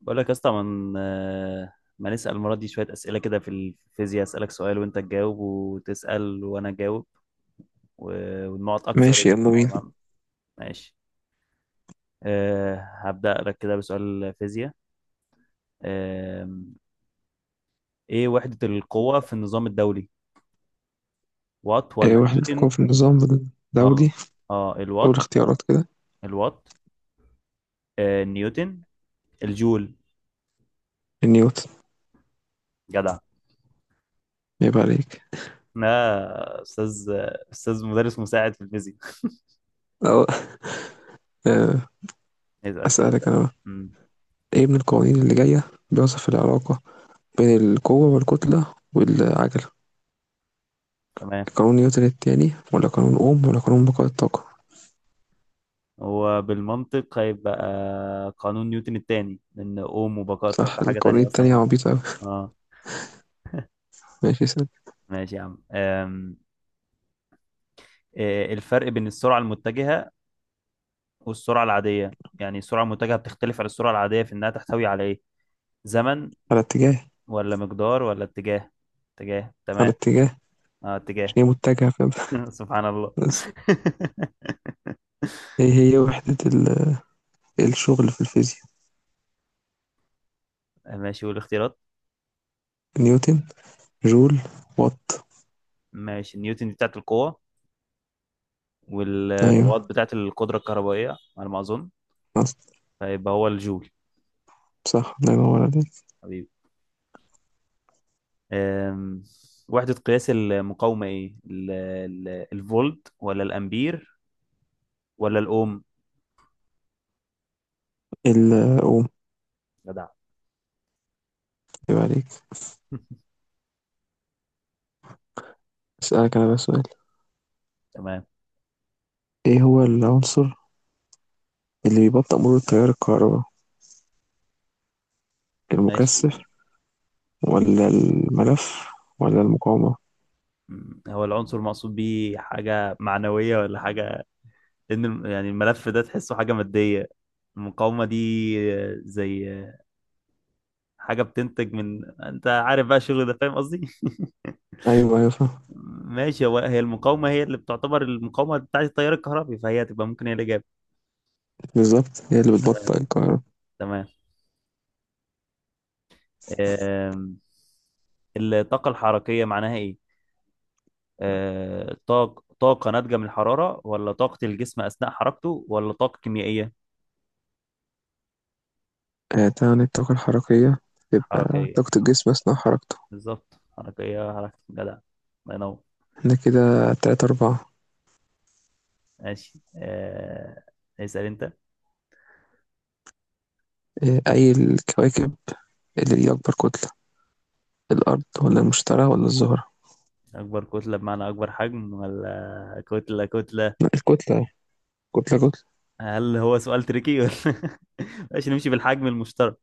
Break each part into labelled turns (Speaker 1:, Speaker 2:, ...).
Speaker 1: بقول لك يا اسطى ما نسأل المرة دي شوية أسئلة كده في الفيزياء. أسألك سؤال وأنت تجاوب، وتسأل وأنا أجاوب. والنقط أكتر.
Speaker 2: ماشي، يلا بينا.
Speaker 1: تمام، ماشي. أه، هبدأ لك كده بسؤال فيزياء. أه، إيه وحدة القوة في النظام الدولي؟ وات
Speaker 2: آه،
Speaker 1: ولا
Speaker 2: وحدة القوة
Speaker 1: نيوتن؟
Speaker 2: في النظام
Speaker 1: اه،
Speaker 2: الدولي.
Speaker 1: اه
Speaker 2: أول
Speaker 1: الوات.
Speaker 2: اختيارات كده.
Speaker 1: الوات، أه، نيوتن، الجول.
Speaker 2: نيوتن.
Speaker 1: جدع.
Speaker 2: عيب عليك.
Speaker 1: لا، أستاذ. أستاذ مدرس مساعد في الفيزياء.
Speaker 2: أو. آه،
Speaker 1: اسأل كده أنت.
Speaker 2: أسألك أنا بقى،
Speaker 1: مم،
Speaker 2: إيه من القوانين اللي جاية بيوصف العلاقة بين القوة والكتلة والعجلة؟
Speaker 1: تمام.
Speaker 2: قانون نيوتن التاني ولا قانون أوم ولا قانون بقاء الطاقة؟
Speaker 1: هو بالمنطق هيبقى قانون نيوتن الثاني، لأن أوم وبقاء
Speaker 2: صح،
Speaker 1: الطاقة حاجة
Speaker 2: القوانين
Speaker 1: تانية أصلا
Speaker 2: التانية
Speaker 1: خالص.
Speaker 2: عبيطة أوي.
Speaker 1: اه.
Speaker 2: ماشي سنة.
Speaker 1: ماشي يا عم. إيه الفرق بين السرعة المتجهة والسرعة العادية؟ يعني السرعة المتجهة بتختلف عن السرعة العادية في إنها تحتوي على إيه؟ زمن
Speaker 2: على اتجاه.
Speaker 1: ولا مقدار ولا اتجاه؟ اتجاه،
Speaker 2: على
Speaker 1: تمام.
Speaker 2: اتجاه،
Speaker 1: اه، اتجاه.
Speaker 2: عشان هي متجهة، فاهم.
Speaker 1: سبحان الله.
Speaker 2: بس، إيه هي وحدة الشغل في الفيزياء؟
Speaker 1: ماشي، والاختيارات؟
Speaker 2: نيوتن. جول. وات.
Speaker 1: ماشي، نيوتن دي بتاعت القوة، والوات
Speaker 2: أيوه
Speaker 1: بتاعت القدرة الكهربائية على ما أظن، فيبقى هو الجول.
Speaker 2: صح، الله ينور عليك.
Speaker 1: حبيبي. أم، وحدة قياس المقاومة ايه؟ الفولت ولا الامبير ولا الاوم؟
Speaker 2: الأم.
Speaker 1: جدع.
Speaker 2: يبقى عليك. أسألك أنا بقى سؤال،
Speaker 1: تمام،
Speaker 2: إيه هو العنصر اللي بيبطئ مرور التيار الكهرباء،
Speaker 1: ماشي.
Speaker 2: المكثف ولا الملف ولا المقاومة؟
Speaker 1: أمم، هو العنصر المقصود بيه حاجة معنوية ولا حاجة؟ لأن يعني الملف ده تحسه حاجة مادية. المقاومة دي، زي حاجة بتنتج من أنت عارف بقى الشغل ده، فاهم قصدي؟
Speaker 2: أيوه أيوه، فاهم.
Speaker 1: ماشي، هي المقاومة هي اللي بتعتبر المقاومة بتاعت التيار الكهربي، فهي هتبقى ممكن هي الإجابة.
Speaker 2: بالظبط، هي اللي بتبطئ الكهرباء.
Speaker 1: تمام. آم، الطاقة الحركية معناها إيه؟ آه، طاقة ناتجة من الحرارة، ولا طاقة الجسم أثناء حركته، ولا طاقة كيميائية؟
Speaker 2: آه، تعني الطاقة الحركية تبقى
Speaker 1: حركية.
Speaker 2: طاقة الجسم أثناء حركته.
Speaker 1: بالظبط حركية، حركة. جدع، الله ينور.
Speaker 2: احنا كده 3-4.
Speaker 1: ماشي، آه، اسأل أنت.
Speaker 2: آه، أي الكواكب اللي ليها أكبر كتلة، الأرض ولا المشتري ولا الزهرة؟
Speaker 1: أكبر كتلة بمعنى أكبر حجم، ولا كتلة كتلة؟
Speaker 2: لا الكتلة، كتلة كتلة.
Speaker 1: هل هو سؤال تريكي ولا ماشي، نمشي بالحجم المشترك.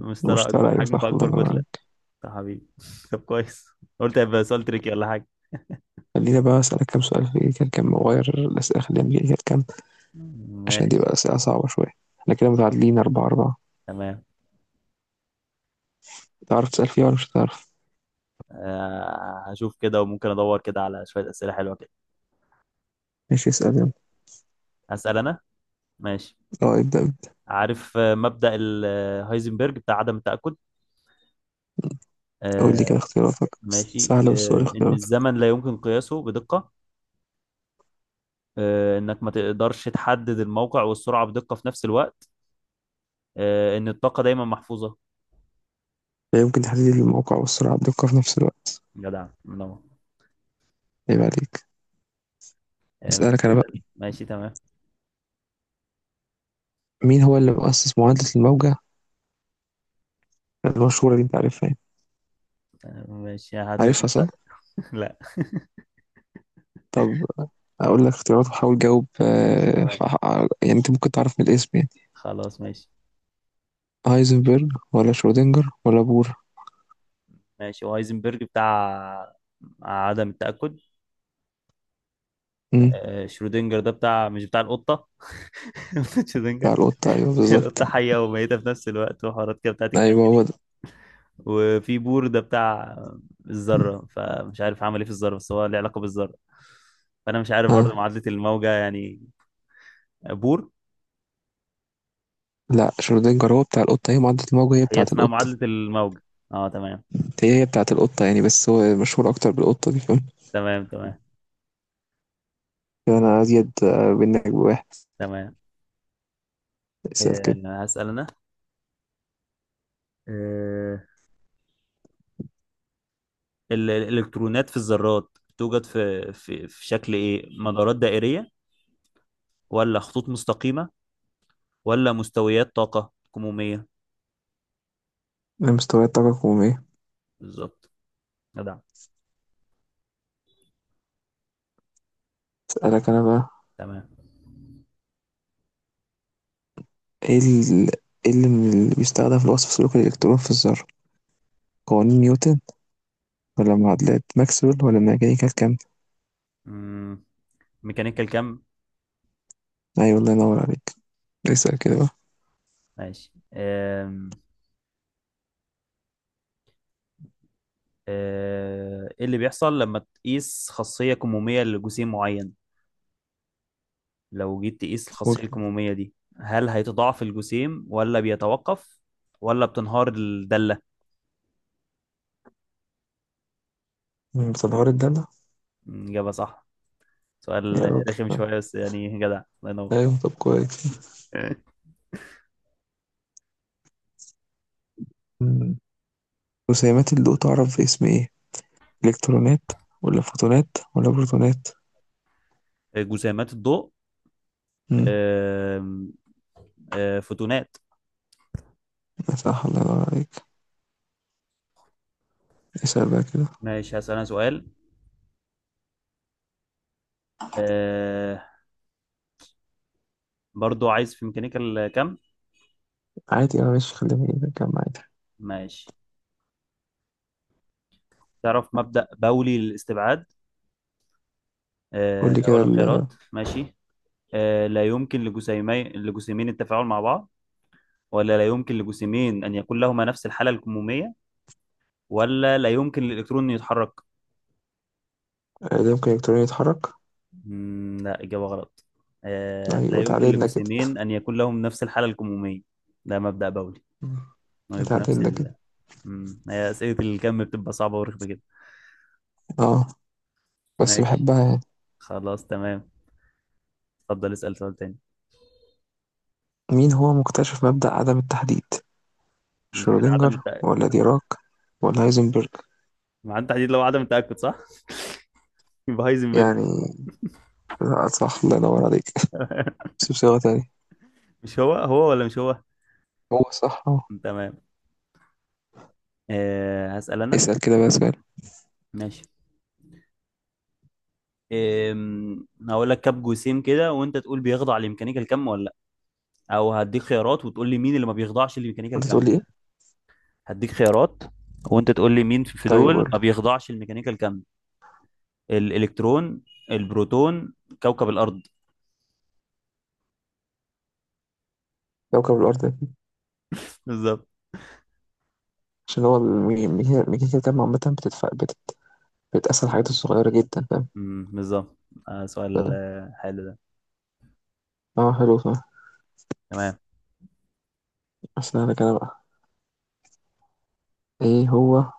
Speaker 1: المشترك أكبر
Speaker 2: المشتري، أيوه
Speaker 1: حجم،
Speaker 2: صح، الله
Speaker 1: فأكبر
Speaker 2: ينور
Speaker 1: كتلة.
Speaker 2: عليك.
Speaker 1: طب حبيبي طب كويس. قلت هيبقى سؤال تريكي ولا حاجة.
Speaker 2: خلينا بقى أسألك كام سؤال، في كان كام مغير الأسئلة، خلينا نجيب كام. عشان دي
Speaker 1: ماشي،
Speaker 2: بقى أسئلة صعبة شوية. احنا كده
Speaker 1: خلصان.
Speaker 2: متعادلين، 4-4.
Speaker 1: تمام.
Speaker 2: تعرف تسأل فيها ولا مش هتعرف؟
Speaker 1: آه، هشوف كده، وممكن ادور كده على شويه اسئله حلوه كده.
Speaker 2: ماشي اسأل، يلا.
Speaker 1: هسال انا. ماشي.
Speaker 2: اه، ابدأ ابدأ.
Speaker 1: عارف مبدا هايزنبرج بتاع عدم التاكد؟
Speaker 2: قول لي
Speaker 1: آه،
Speaker 2: كده اختياراتك، بس
Speaker 1: ماشي،
Speaker 2: سهلة، بس قول
Speaker 1: آه، ان
Speaker 2: اختياراتك.
Speaker 1: الزمن لا يمكن قياسه بدقه، آه، انك ما تقدرش تحدد الموقع والسرعه بدقه في نفس الوقت، آه، ان الطاقه دايما محفوظه.
Speaker 2: لا يمكن تحديد الموقع والسرعة بدقة في نفس الوقت.
Speaker 1: جدع، منور.
Speaker 2: عيب عليك.
Speaker 1: آه،
Speaker 2: اسألك
Speaker 1: ماشي.
Speaker 2: أنا بقى،
Speaker 1: ماشي، تمام.
Speaker 2: مين هو اللي مؤسس معادلة الموجة المشهورة اللي أنت عارفها يعني؟
Speaker 1: آه، ماشي، هعتبر
Speaker 2: عارفها صح؟
Speaker 1: نفسك. لا.
Speaker 2: طب، أقول لك اختيارات وحاول تجاوب،
Speaker 1: ماشي، تمام،
Speaker 2: يعني أنت ممكن تعرف من الاسم، يعني.
Speaker 1: خلاص، ماشي.
Speaker 2: هايزنبرج ولا شرودنجر ولا بور؟
Speaker 1: ماشي، وهايزنبرج بتاع عدم التاكد.
Speaker 2: امم.
Speaker 1: آه، شرودنجر ده بتاع، مش بتاع القطة؟
Speaker 2: بتاع
Speaker 1: شرودنجر.
Speaker 2: القطة، أيوه بالظبط.
Speaker 1: القطة حية وميتة في نفس الوقت، وحوارات كده بتاعت الكم
Speaker 2: أيوه
Speaker 1: دي.
Speaker 2: هو ده.
Speaker 1: وفي بور ده بتاع الذرة، فمش عارف عمل ايه في الذرة، بس هو له علاقة بالذرة. فأنا مش عارف برضه
Speaker 2: ها.
Speaker 1: معادلة الموجة يعني. بور.
Speaker 2: لا، شرودنجر هو بتاع القطة، هي معضلة الموجة هي
Speaker 1: هي
Speaker 2: بتاعة
Speaker 1: اسمها
Speaker 2: القطة.
Speaker 1: معادلة الموجة؟ اه تمام.
Speaker 2: هي بتاعة القطة يعني، بس هو مشهور أكتر بالقطة دي، فاهم.
Speaker 1: تمام، تمام،
Speaker 2: يعني أنا أزيد منك بواحد.
Speaker 1: تمام.
Speaker 2: اسأل كده.
Speaker 1: آه، هسأل أنا. آه، الإلكترونات في الذرات توجد في شكل ايه؟ مدارات دائرية، ولا خطوط مستقيمة، ولا مستويات طاقة كمومية؟
Speaker 2: أنا مستويات طاقة كمية.
Speaker 1: بالظبط. جدع.
Speaker 2: أسألك أنا بقى،
Speaker 1: تمام.
Speaker 2: إيه ال- إيه اللي اللي بيستخدم في وصف سلوك الإلكترون في الذرة؟ قوانين نيوتن ولا معادلات ماكسويل ولا الميكانيكا الكم؟
Speaker 1: مم، ميكانيكال كم.
Speaker 2: أيوة الله ينور عليك. اسأل كده بقى.
Speaker 1: ماشي. أم، أه، ايه اللي بيحصل لما تقيس خاصية كمومية لجسيم معين؟ لو جيت تقيس
Speaker 2: قول.
Speaker 1: الخاصية الكمومية دي، هل هيتضاعف الجسيم، ولا بيتوقف، ولا بتنهار الدالة؟
Speaker 2: بتنهار الدالة.
Speaker 1: مم، إجابة صح.
Speaker 2: يا
Speaker 1: سؤال
Speaker 2: راجل،
Speaker 1: رخم
Speaker 2: طب.
Speaker 1: شوية بس يعني جدع. الله ينور.
Speaker 2: أيوة، طب كويس. مم. رسيمات الضوء تعرف باسم إيه؟ الكترونات ولا فوتونات ولا بروتونات؟
Speaker 1: جسيمات الضوء.
Speaker 2: امم.
Speaker 1: أم، أه، فوتونات.
Speaker 2: صح الله ينور عليك. اسال بقى كده.
Speaker 1: ماشي، هسأل أنا سؤال. آه، برضو عايز في ميكانيكال كم.
Speaker 2: عادي اه، ماشي، خلينا نكمل عادي.
Speaker 1: ماشي. تعرف مبدأ بولي للاستبعاد؟
Speaker 2: قول
Speaker 1: آه،
Speaker 2: لي
Speaker 1: أقول
Speaker 2: كده.
Speaker 1: لك خيارات، ماشي. آه، لا يمكن لجسيمين التفاعل مع بعض، ولا لا يمكن لجسيمين أن يكون لهما نفس الحالة الكمومية، ولا لا يمكن للإلكترون أن يتحرك.
Speaker 2: ده ممكن الكترون يتحرك.
Speaker 1: مم، لا، إجابة غلط. آه، لا
Speaker 2: ايوه،
Speaker 1: يمكن
Speaker 2: اتعادلنا كده.
Speaker 1: لجسيمين أن يكون لهم نفس الحالة الكمومية. ده مبدأ بولي،
Speaker 2: مم.
Speaker 1: إنهم يبقوا نفس
Speaker 2: اتعادلنا كده.
Speaker 1: ال. مم، هي أسئلة الكم بتبقى صعبة ورخمة كده.
Speaker 2: اه، بس
Speaker 1: ماشي،
Speaker 2: بحبها يعني.
Speaker 1: خلاص، تمام. اتفضل، اسأل سؤال تاني.
Speaker 2: مين هو مكتشف مبدأ عدم التحديد،
Speaker 1: ده كده عدم
Speaker 2: شرودنجر
Speaker 1: التأكد
Speaker 2: ولا ديراك ولا هايزنبرج؟
Speaker 1: مع التحديد، لو عدم التأكد صح؟ يبقى هايزنبرج.
Speaker 2: يعني لا، صح الله ينور عليك. بس بصيغة تانية.
Speaker 1: مش هو، هو ولا مش هو؟
Speaker 2: هو صح اهو.
Speaker 1: تمام. أه، هسأل أنا.
Speaker 2: اسأل كده بقى سؤال.
Speaker 1: ماشي. أم، هقول لك كام جسيم كده وانت تقول بيخضع لميكانيكا كم ولا لا. او هديك خيارات وتقول لي مين اللي ما بيخضعش لميكانيكا
Speaker 2: انت تقول
Speaker 1: كم.
Speaker 2: لي ايه؟
Speaker 1: هديك خيارات، وانت تقول لي مين في
Speaker 2: طيب
Speaker 1: دول
Speaker 2: قول
Speaker 1: ما
Speaker 2: لي.
Speaker 1: بيخضعش لميكانيكا كم. الالكترون، البروتون، كوكب الارض.
Speaker 2: كوكب الأرض.
Speaker 1: بالظبط.
Speaker 2: عشان هو الميزانية الجامعة عامة بتدفع بتقسم الحاجات الصغيرة جدا، فاهم.
Speaker 1: مم، بالظبط. آه، سؤال
Speaker 2: ف-
Speaker 1: حلو ده.
Speaker 2: اه حلو، فاهم.
Speaker 1: تمام.
Speaker 2: أحسن أنا كده بقى. إيه هو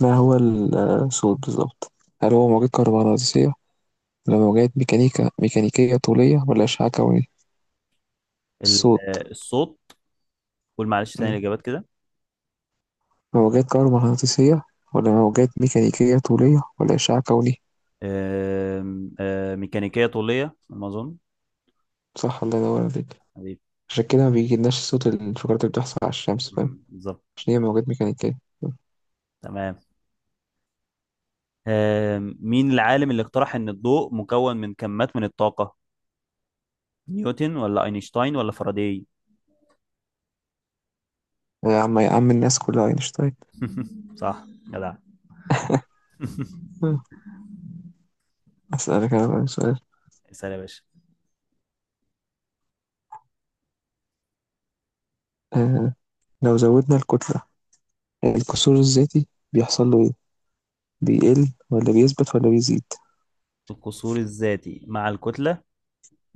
Speaker 2: ما هو الصوت بالظبط؟ هل هو موجات كهرومغناطيسية ولا موجات ميكانيكية طولية ولا أشعة كونية؟ الصوت.
Speaker 1: الصوت. قول معلش تاني
Speaker 2: مم.
Speaker 1: الاجابات كده.
Speaker 2: موجات كهرومغناطيسية ولا موجات ميكانيكية طولية ولا أشعة كونية.
Speaker 1: آم، ميكانيكية طولية على ما أظن.
Speaker 2: صح الله ينور عليك.
Speaker 1: أيوة.
Speaker 2: عشان كده ما بيجيلناش صوت الانفجارات اللي بتحصل على الشمس، فاهم.
Speaker 1: مم، بالظبط.
Speaker 2: عشان هي موجات ميكانيكية.
Speaker 1: تمام. آم، مين العالم اللي اقترح إن الضوء مكون من كمات من الطاقة؟ نيوتن ولا أينشتاين ولا فاراداي؟
Speaker 2: يا عم يا عم، الناس كلها أينشتاين.
Speaker 1: صح، جدع.
Speaker 2: أسألك أنا بقى سؤال.
Speaker 1: اسأل يا باشا.
Speaker 2: آه لو زودنا الكتلة الكسور الذاتي بيحصل له إيه؟ بيقل ولا بيثبت ولا بيزيد؟
Speaker 1: القصور الذاتي مع الكتلة،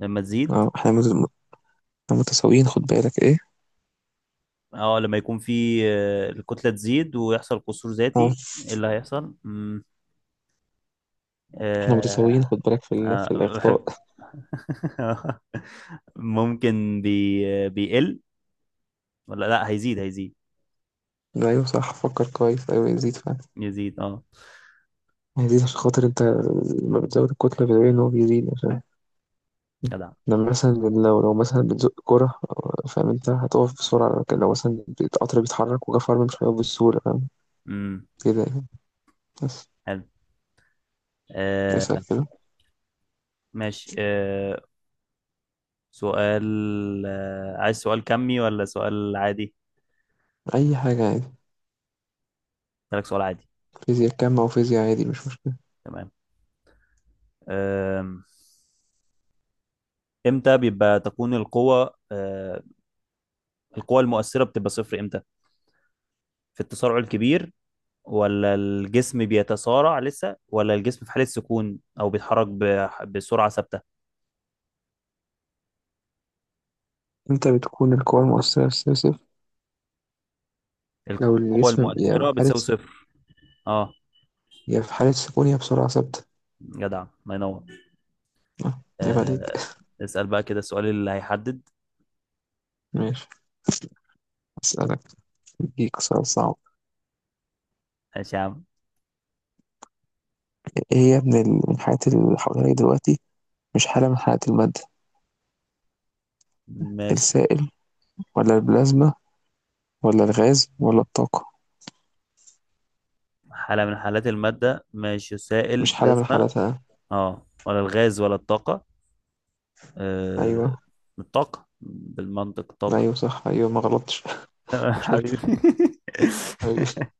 Speaker 1: لما تزيد.
Speaker 2: أه، إحنا متساويين، خد بالك إيه؟
Speaker 1: اه، لما يكون في الكتلة تزيد ويحصل قصور
Speaker 2: أه،
Speaker 1: ذاتي، ايه اللي هيحصل؟ مم.
Speaker 2: إحنا متساويين،
Speaker 1: آه.
Speaker 2: خد بالك في
Speaker 1: آه،
Speaker 2: الإخطاء.
Speaker 1: بحب. ممكن بي آه، بيقل، ولا لا، هيزيد، هيزيد.
Speaker 2: أيوه صح، فكر كويس، أيوه يزيد فعلا.
Speaker 1: يزيد، اه.
Speaker 2: هيزيد عشان خاطر أنت، لما بتزود الكتلة بتلاقي إن هو بيزيد، عشان
Speaker 1: جدع.
Speaker 2: لما مثلا، لو مثلا بتزق كرة، فاهم، أنت هتقف بسرعة، لكن لو مثلا القطر بيتحرك وجا فرمل مش هيقف بسهولة، فاهم.
Speaker 1: امم.
Speaker 2: كده يعني. بس.
Speaker 1: حلو.
Speaker 2: اسأل
Speaker 1: آه،
Speaker 2: كده.
Speaker 1: ماشي. آه، سؤال. آه، عايز سؤال كمي ولا سؤال عادي؟
Speaker 2: أي حاجة، عادي.
Speaker 1: لك سؤال عادي.
Speaker 2: فيزياء كم أو فيزياء عادي مش مشكلة.
Speaker 1: تمام. آم، امتى بيبقى تكون القوة آه، القوة المؤثرة بتبقى صفر امتى؟ في التسارع الكبير، ولا الجسم بيتسارع لسه، ولا الجسم في حالة سكون او بيتحرك بسرعة ثابتة؟
Speaker 2: أنت بتكون القوى المؤثرة في الصفر، لو
Speaker 1: القوة
Speaker 2: الجسم يا في
Speaker 1: المؤثرة
Speaker 2: حالة
Speaker 1: بتساوي
Speaker 2: س-
Speaker 1: صفر. اه.
Speaker 2: يا في حالة سكون يا بسرعة ثابتة.
Speaker 1: جدع، الله ينور.
Speaker 2: آه، عيب عليك.
Speaker 1: آه، اسأل بقى كده السؤال اللي هيحدد.
Speaker 2: ماشي، أسألك، أديك سؤال صعب.
Speaker 1: ماشي يا عم.
Speaker 2: إيه هي من الحالات اللي حواليك دلوقتي، مش حالة من حالات المادة؟
Speaker 1: ماشي،
Speaker 2: السائل ولا البلازما ولا الغاز ولا الطاقة؟
Speaker 1: حالة من حالات المادة. ماشي، سائل،
Speaker 2: مش حالة من
Speaker 1: بلازما.
Speaker 2: حالاتها.
Speaker 1: اه، ولا الغاز ولا الطاقة. آه،
Speaker 2: أيوه
Speaker 1: الطاقة بالمنطق، طاقة.
Speaker 2: أيوه صح، أيوه ما غلطتش. شكرا
Speaker 1: حبيبي.
Speaker 2: حبيبي.